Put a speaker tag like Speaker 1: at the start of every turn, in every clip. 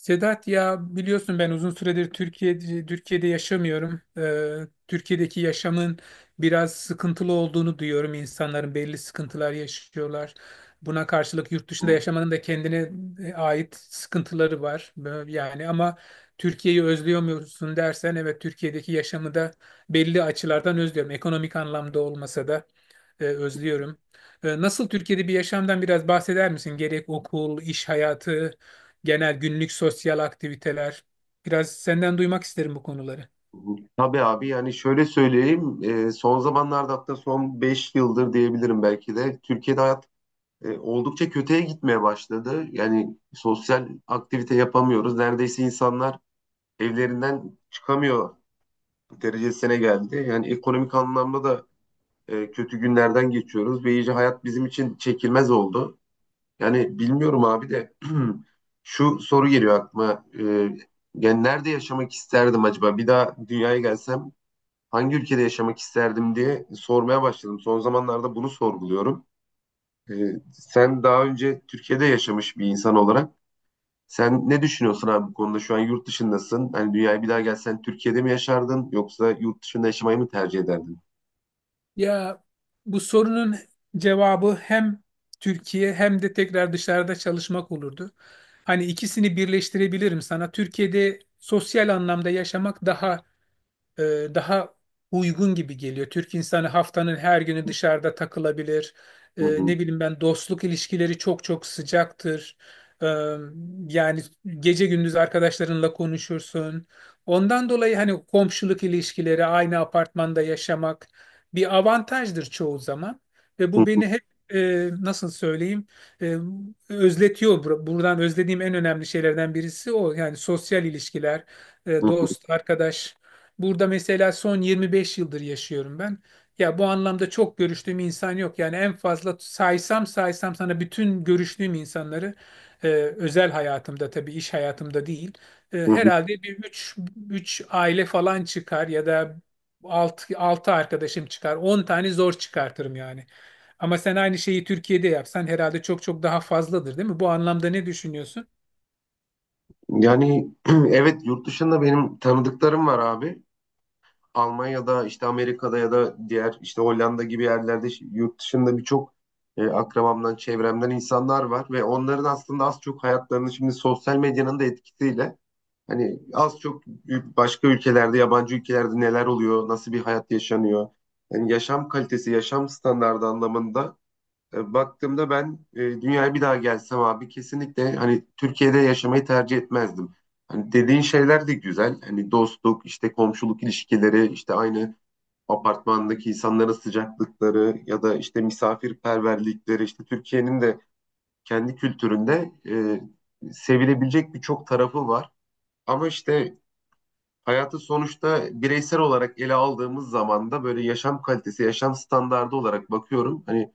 Speaker 1: Sedat ya biliyorsun ben uzun süredir Türkiye'de yaşamıyorum. Türkiye'deki yaşamın biraz sıkıntılı olduğunu duyuyorum. İnsanların belli sıkıntılar yaşıyorlar. Buna karşılık yurt dışında
Speaker 2: Hı
Speaker 1: yaşamanın da kendine ait sıkıntıları var. Yani ama Türkiye'yi özlüyor musun dersen evet, Türkiye'deki yaşamı da belli açılardan özlüyorum. Ekonomik anlamda olmasa da özlüyorum. Nasıl Türkiye'de bir yaşamdan biraz bahseder misin? Gerek okul, iş hayatı, genel günlük sosyal aktiviteler. Biraz senden duymak isterim bu konuları.
Speaker 2: hı. Tabii abi yani şöyle söyleyeyim son zamanlarda hatta son 5 yıldır diyebilirim belki de Türkiye'de hayat oldukça kötüye gitmeye başladı. Yani sosyal aktivite yapamıyoruz. Neredeyse insanlar evlerinden çıkamıyor derecesine geldi. Yani ekonomik anlamda da kötü günlerden geçiyoruz ve iyice hayat bizim için çekilmez oldu. Yani bilmiyorum abi de şu soru geliyor aklıma. Yani nerede yaşamak isterdim acaba? Bir daha dünyaya gelsem hangi ülkede yaşamak isterdim diye sormaya başladım. Son zamanlarda bunu sorguluyorum. Ee, sen daha önce Türkiye'de yaşamış bir insan olarak sen ne düşünüyorsun abi bu konuda? Şu an yurt dışındasın. Hani dünyaya bir daha gelsen Türkiye'de mi yaşardın yoksa yurt dışında yaşamayı mı tercih ederdin?
Speaker 1: Ya, bu sorunun cevabı hem Türkiye hem de tekrar dışarıda çalışmak olurdu. Hani ikisini birleştirebilirim sana. Türkiye'de sosyal anlamda yaşamak daha daha uygun gibi geliyor. Türk insanı haftanın her günü dışarıda takılabilir. E,
Speaker 2: Hı hı.
Speaker 1: ne bileyim, ben dostluk ilişkileri çok çok sıcaktır. E, yani gece gündüz arkadaşlarınla konuşursun. Ondan dolayı hani komşuluk ilişkileri, aynı apartmanda yaşamak bir avantajdır çoğu zaman. Ve bu
Speaker 2: Hı
Speaker 1: beni hep, nasıl söyleyeyim, e, özletiyor. Buradan özlediğim en önemli şeylerden birisi o. Yani sosyal ilişkiler,
Speaker 2: hı.
Speaker 1: dost, arkadaş. Burada mesela son 25 yıldır yaşıyorum ben. Ya, bu anlamda çok görüştüğüm insan yok. Yani en fazla saysam saysam sana bütün görüştüğüm insanları, özel hayatımda tabii, iş hayatımda değil, E,
Speaker 2: Hı hı.
Speaker 1: herhalde bir 3 aile falan çıkar ya da 6 arkadaşım çıkar. 10 tane zor çıkartırım yani. Ama sen aynı şeyi Türkiye'de yapsan herhalde çok çok daha fazladır, değil mi? Bu anlamda ne düşünüyorsun?
Speaker 2: Yani evet yurt dışında benim tanıdıklarım var abi. Almanya'da işte Amerika'da ya da diğer işte Hollanda gibi yerlerde yurt dışında birçok akrabamdan çevremden insanlar var ve onların aslında az çok hayatlarını şimdi sosyal medyanın da etkisiyle hani az çok başka ülkelerde yabancı ülkelerde neler oluyor nasıl bir hayat yaşanıyor yani yaşam kalitesi yaşam standardı anlamında baktığımda ben dünyaya bir daha gelsem abi kesinlikle hani Türkiye'de yaşamayı tercih etmezdim. Hani dediğin şeyler de güzel. Hani dostluk, işte komşuluk ilişkileri, işte aynı apartmandaki insanların sıcaklıkları ya da işte misafirperverlikleri, işte Türkiye'nin de kendi kültüründe sevilebilecek birçok tarafı var. Ama işte hayatı sonuçta bireysel olarak ele aldığımız zaman da böyle yaşam kalitesi, yaşam standardı olarak bakıyorum. Hani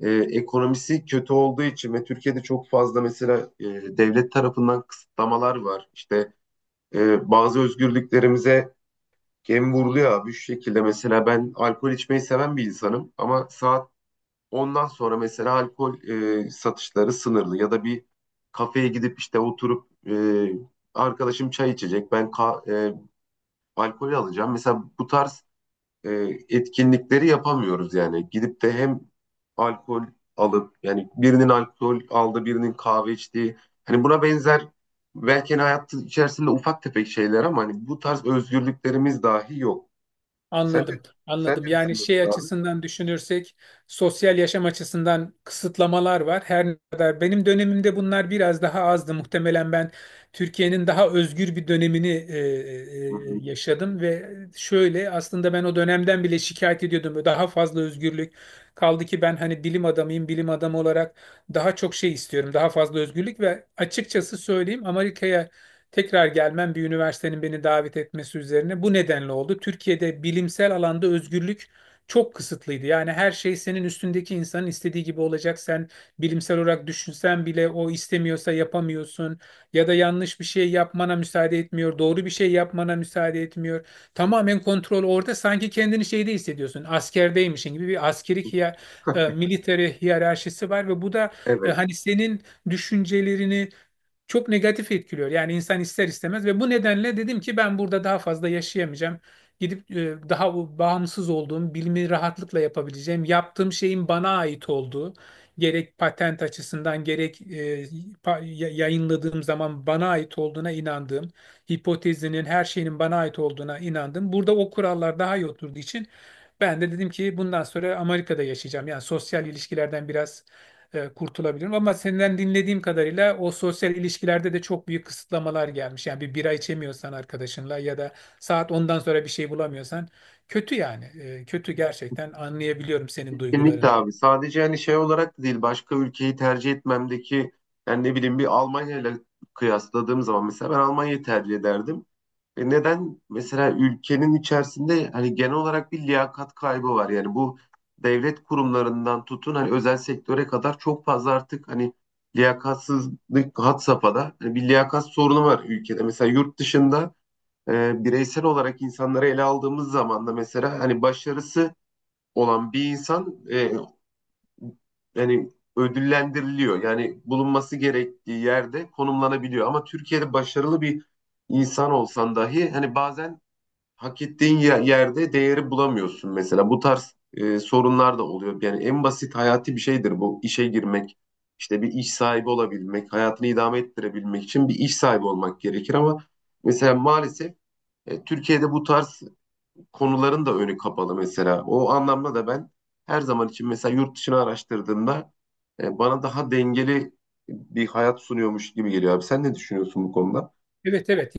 Speaker 2: ekonomisi kötü olduğu için ve Türkiye'de çok fazla mesela devlet tarafından kısıtlamalar var. İşte bazı özgürlüklerimize gem vuruluyor abi şu şekilde. Mesela ben alkol içmeyi seven bir insanım ama saat 10'dan sonra mesela alkol satışları sınırlı ya da bir kafeye gidip işte oturup arkadaşım çay içecek ben alkol alacağım. Mesela bu tarz e, etkinlikleri yapamıyoruz yani. Gidip de hem alkol alıp yani birinin alkol aldı, birinin kahve içtiği hani buna benzer belki hani hayat içerisinde ufak tefek şeyler ama hani bu tarz özgürlüklerimiz dahi yok. Sen de
Speaker 1: Anladım,
Speaker 2: sen
Speaker 1: anladım.
Speaker 2: ne
Speaker 1: Yani şey
Speaker 2: düşünüyorsun abi?
Speaker 1: açısından düşünürsek, sosyal yaşam açısından kısıtlamalar var. Her ne kadar benim dönemimde bunlar biraz daha azdı. Muhtemelen ben Türkiye'nin daha özgür bir dönemini
Speaker 2: Hı hı.
Speaker 1: yaşadım ve şöyle, aslında ben o dönemden bile şikayet ediyordum. Daha fazla özgürlük. Kaldı ki ben hani bilim adamıyım, bilim adamı olarak daha çok şey istiyorum, daha fazla özgürlük ve açıkçası söyleyeyim, Amerika'ya tekrar gelmem bir üniversitenin beni davet etmesi üzerine bu nedenle oldu. Türkiye'de bilimsel alanda özgürlük çok kısıtlıydı. Yani her şey senin üstündeki insanın istediği gibi olacak. Sen bilimsel olarak düşünsen bile o istemiyorsa yapamıyorsun. Ya da yanlış bir şey yapmana müsaade etmiyor. Doğru bir şey yapmana müsaade etmiyor. Tamamen kontrol orada. Sanki kendini şeyde hissediyorsun. Askerdeymişin gibi bir askeri military hiyerarşisi var ve bu da
Speaker 2: Evet.
Speaker 1: hani senin düşüncelerini çok negatif etkiliyor. Yani insan ister istemez, ve bu nedenle dedim ki ben burada daha fazla yaşayamayacağım. Gidip daha bu bağımsız olduğum, bilimi rahatlıkla yapabileceğim, yaptığım şeyin bana ait olduğu, gerek patent açısından gerek yayınladığım zaman bana ait olduğuna inandığım, hipotezinin her şeyinin bana ait olduğuna inandım. Burada o kurallar daha iyi oturduğu için ben de dedim ki bundan sonra Amerika'da yaşayacağım. Yani sosyal ilişkilerden biraz kurtulabilirim. Ama senden dinlediğim kadarıyla o sosyal ilişkilerde de çok büyük kısıtlamalar gelmiş. Yani bir bira içemiyorsan arkadaşınla ya da saat ondan sonra bir şey bulamıyorsan, kötü yani. Kötü gerçekten, anlayabiliyorum senin
Speaker 2: Kesinlikle
Speaker 1: duygularını.
Speaker 2: abi. Sadece hani şey olarak da değil başka ülkeyi tercih etmemdeki yani ne bileyim bir Almanya ile kıyasladığım zaman mesela ben Almanya'yı tercih ederdim. E neden mesela ülkenin içerisinde hani genel olarak bir liyakat kaybı var. Yani bu devlet kurumlarından tutun hani özel sektöre kadar çok fazla artık hani liyakatsızlık had safhada. Hani bir liyakat sorunu var ülkede. Mesela yurt dışında bireysel olarak insanları ele aldığımız zaman da mesela hani başarısı olan bir insan yani ödüllendiriliyor. Yani bulunması gerektiği yerde konumlanabiliyor. Ama Türkiye'de başarılı bir insan olsan dahi hani bazen hak ettiğin yerde değeri bulamıyorsun mesela. Bu tarz sorunlar da oluyor. Yani en basit hayati bir şeydir bu işe girmek. İşte bir iş sahibi olabilmek, hayatını idame ettirebilmek için bir iş sahibi olmak gerekir ama mesela maalesef Türkiye'de bu tarz konuların da önü kapalı mesela. O anlamda da ben her zaman için mesela yurt dışını araştırdığımda bana daha dengeli bir hayat sunuyormuş gibi geliyor abi. Sen ne düşünüyorsun bu konuda?
Speaker 1: Evet, evet,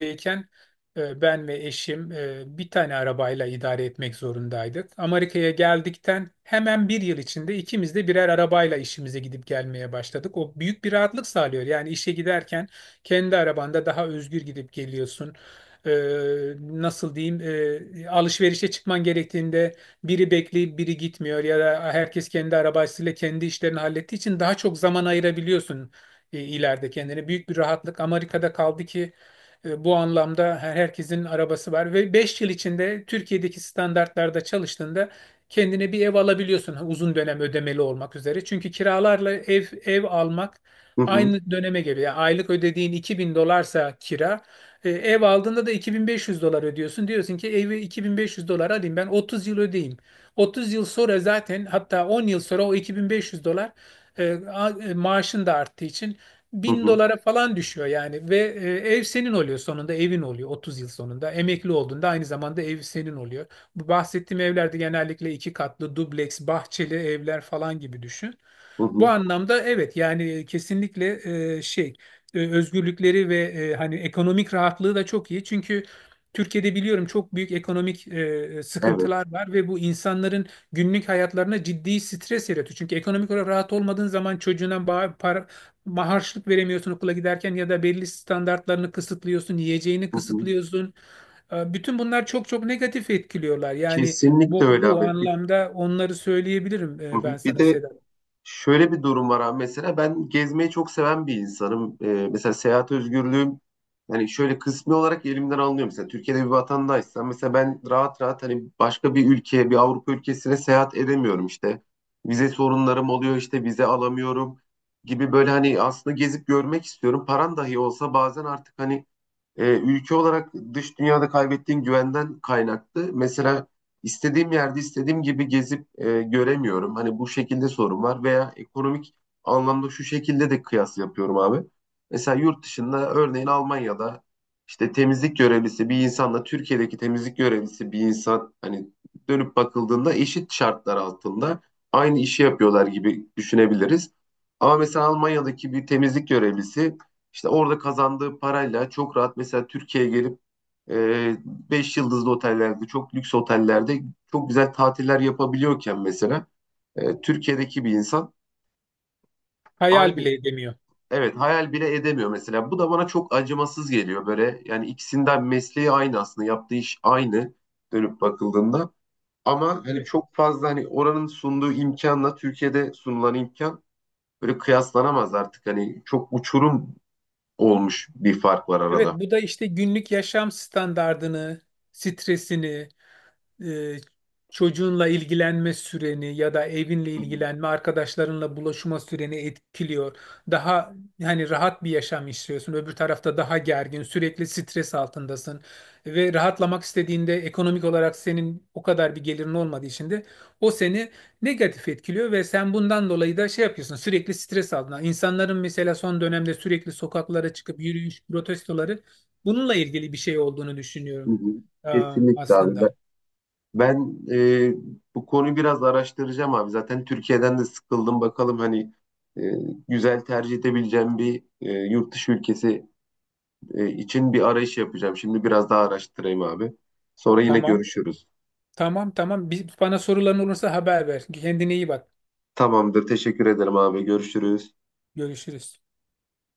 Speaker 1: Amerika'dayken ben ve eşim bir tane arabayla idare etmek zorundaydık. Amerika'ya geldikten hemen bir yıl içinde ikimiz de birer arabayla işimize gidip gelmeye başladık. O büyük bir rahatlık sağlıyor. Yani işe giderken kendi arabanda daha özgür gidip geliyorsun. E, nasıl diyeyim, alışverişe çıkman gerektiğinde biri bekleyip biri gitmiyor ya da herkes kendi arabasıyla kendi işlerini hallettiği için daha çok zaman ayırabiliyorsun, ileride kendine büyük bir rahatlık. Amerika'da kaldı ki bu anlamda herkesin arabası var ve 5 yıl içinde Türkiye'deki standartlarda çalıştığında kendine bir ev alabiliyorsun, ha, uzun dönem ödemeli olmak üzere. Çünkü kiralarla ev almak
Speaker 2: Hı hı,
Speaker 1: aynı döneme geliyor. Yani aylık ödediğin 2000 dolarsa kira, ev aldığında da 2.500 dolar ödüyorsun. Diyorsun ki evi 2.500 dolar alayım, ben 30 yıl ödeyeyim. 30 yıl sonra zaten, hatta 10 yıl sonra, o 2500 dolar maaşın da arttığı için
Speaker 2: hı
Speaker 1: bin
Speaker 2: hı,
Speaker 1: dolara falan düşüyor yani ve ev senin oluyor sonunda, evin oluyor, 30 yıl sonunda emekli olduğunda aynı zamanda ev senin oluyor. Bu bahsettiğim evlerde genellikle iki katlı dubleks bahçeli evler falan gibi düşün.
Speaker 2: hı
Speaker 1: Bu
Speaker 2: hı.
Speaker 1: anlamda evet yani kesinlikle şey özgürlükleri ve hani ekonomik rahatlığı da çok iyi çünkü Türkiye'de biliyorum çok büyük ekonomik
Speaker 2: Evet.
Speaker 1: sıkıntılar var ve bu insanların günlük hayatlarına ciddi stres yaratıyor. Çünkü ekonomik olarak rahat olmadığın zaman çocuğuna para, harçlık veremiyorsun okula giderken ya da belli standartlarını kısıtlıyorsun, yiyeceğini
Speaker 2: Hı hı.
Speaker 1: kısıtlıyorsun. Bütün bunlar çok çok negatif etkiliyorlar. Yani
Speaker 2: Kesinlikle
Speaker 1: bu,
Speaker 2: öyle
Speaker 1: bu
Speaker 2: abi. Bir,
Speaker 1: anlamda onları söyleyebilirim, ben
Speaker 2: bir
Speaker 1: sana
Speaker 2: de
Speaker 1: Sedat.
Speaker 2: şöyle bir durum var abi. Mesela ben gezmeyi çok seven bir insanım. Mesela seyahat özgürlüğüm hani şöyle kısmi olarak elimden alınıyor. Mesela Türkiye'de bir vatandaşsam mesela ben rahat rahat hani başka bir ülkeye, bir Avrupa ülkesine seyahat edemiyorum işte. Vize sorunlarım oluyor işte vize alamıyorum gibi böyle hani aslında gezip görmek istiyorum. Paran dahi olsa bazen artık hani ülke olarak dış dünyada kaybettiğim güvenden kaynaklı. Mesela istediğim yerde istediğim gibi gezip göremiyorum. Hani bu şekilde sorun var veya ekonomik anlamda şu şekilde de kıyas yapıyorum abi. Mesela yurt dışında örneğin Almanya'da işte temizlik görevlisi bir insanla Türkiye'deki temizlik görevlisi bir insan hani dönüp bakıldığında eşit şartlar altında aynı işi yapıyorlar gibi düşünebiliriz. Ama mesela Almanya'daki bir temizlik görevlisi işte orada kazandığı parayla çok rahat mesela Türkiye'ye gelip e, 5 yıldızlı otellerde, çok lüks otellerde çok güzel tatiller yapabiliyorken mesela Türkiye'deki bir insan
Speaker 1: Hayal
Speaker 2: aynı
Speaker 1: bile edemiyor.
Speaker 2: evet hayal bile edemiyor mesela. Bu da bana çok acımasız geliyor böyle. Yani ikisinden mesleği aynı aslında, yaptığı iş aynı dönüp bakıldığında. Ama hani
Speaker 1: Evet.
Speaker 2: çok fazla hani oranın sunduğu imkanla Türkiye'de sunulan imkan böyle kıyaslanamaz artık. Hani çok uçurum olmuş bir fark var
Speaker 1: Evet,
Speaker 2: arada.
Speaker 1: bu da işte günlük yaşam standardını, stresini, e, çocuğunla ilgilenme süreni ya da evinle ilgilenme, arkadaşlarınla buluşma süreni etkiliyor. Daha, yani rahat bir yaşam istiyorsun. Öbür tarafta daha gergin, sürekli stres altındasın ve rahatlamak istediğinde ekonomik olarak senin o kadar bir gelirin olmadığı için de o seni negatif etkiliyor ve sen bundan dolayı da şey yapıyorsun. Sürekli stres altında. İnsanların mesela son dönemde sürekli sokaklara çıkıp yürüyüş protestoları, bununla ilgili bir şey olduğunu
Speaker 2: Hı
Speaker 1: düşünüyorum,
Speaker 2: hı.
Speaker 1: e,
Speaker 2: Kesinlikle abi. Ben,
Speaker 1: aslında.
Speaker 2: ben e, bu konuyu biraz araştıracağım abi. Zaten Türkiye'den de sıkıldım. Bakalım hani e, güzel tercih edebileceğim bir yurt dışı ülkesi için bir arayış yapacağım. Şimdi biraz daha araştırayım abi. Sonra yine
Speaker 1: Tamam.
Speaker 2: görüşürüz.
Speaker 1: Tamam, tamam. Bana soruların olursa haber ver. Kendine iyi bak.
Speaker 2: Tamamdır. Teşekkür ederim abi. Görüşürüz.
Speaker 1: Görüşürüz.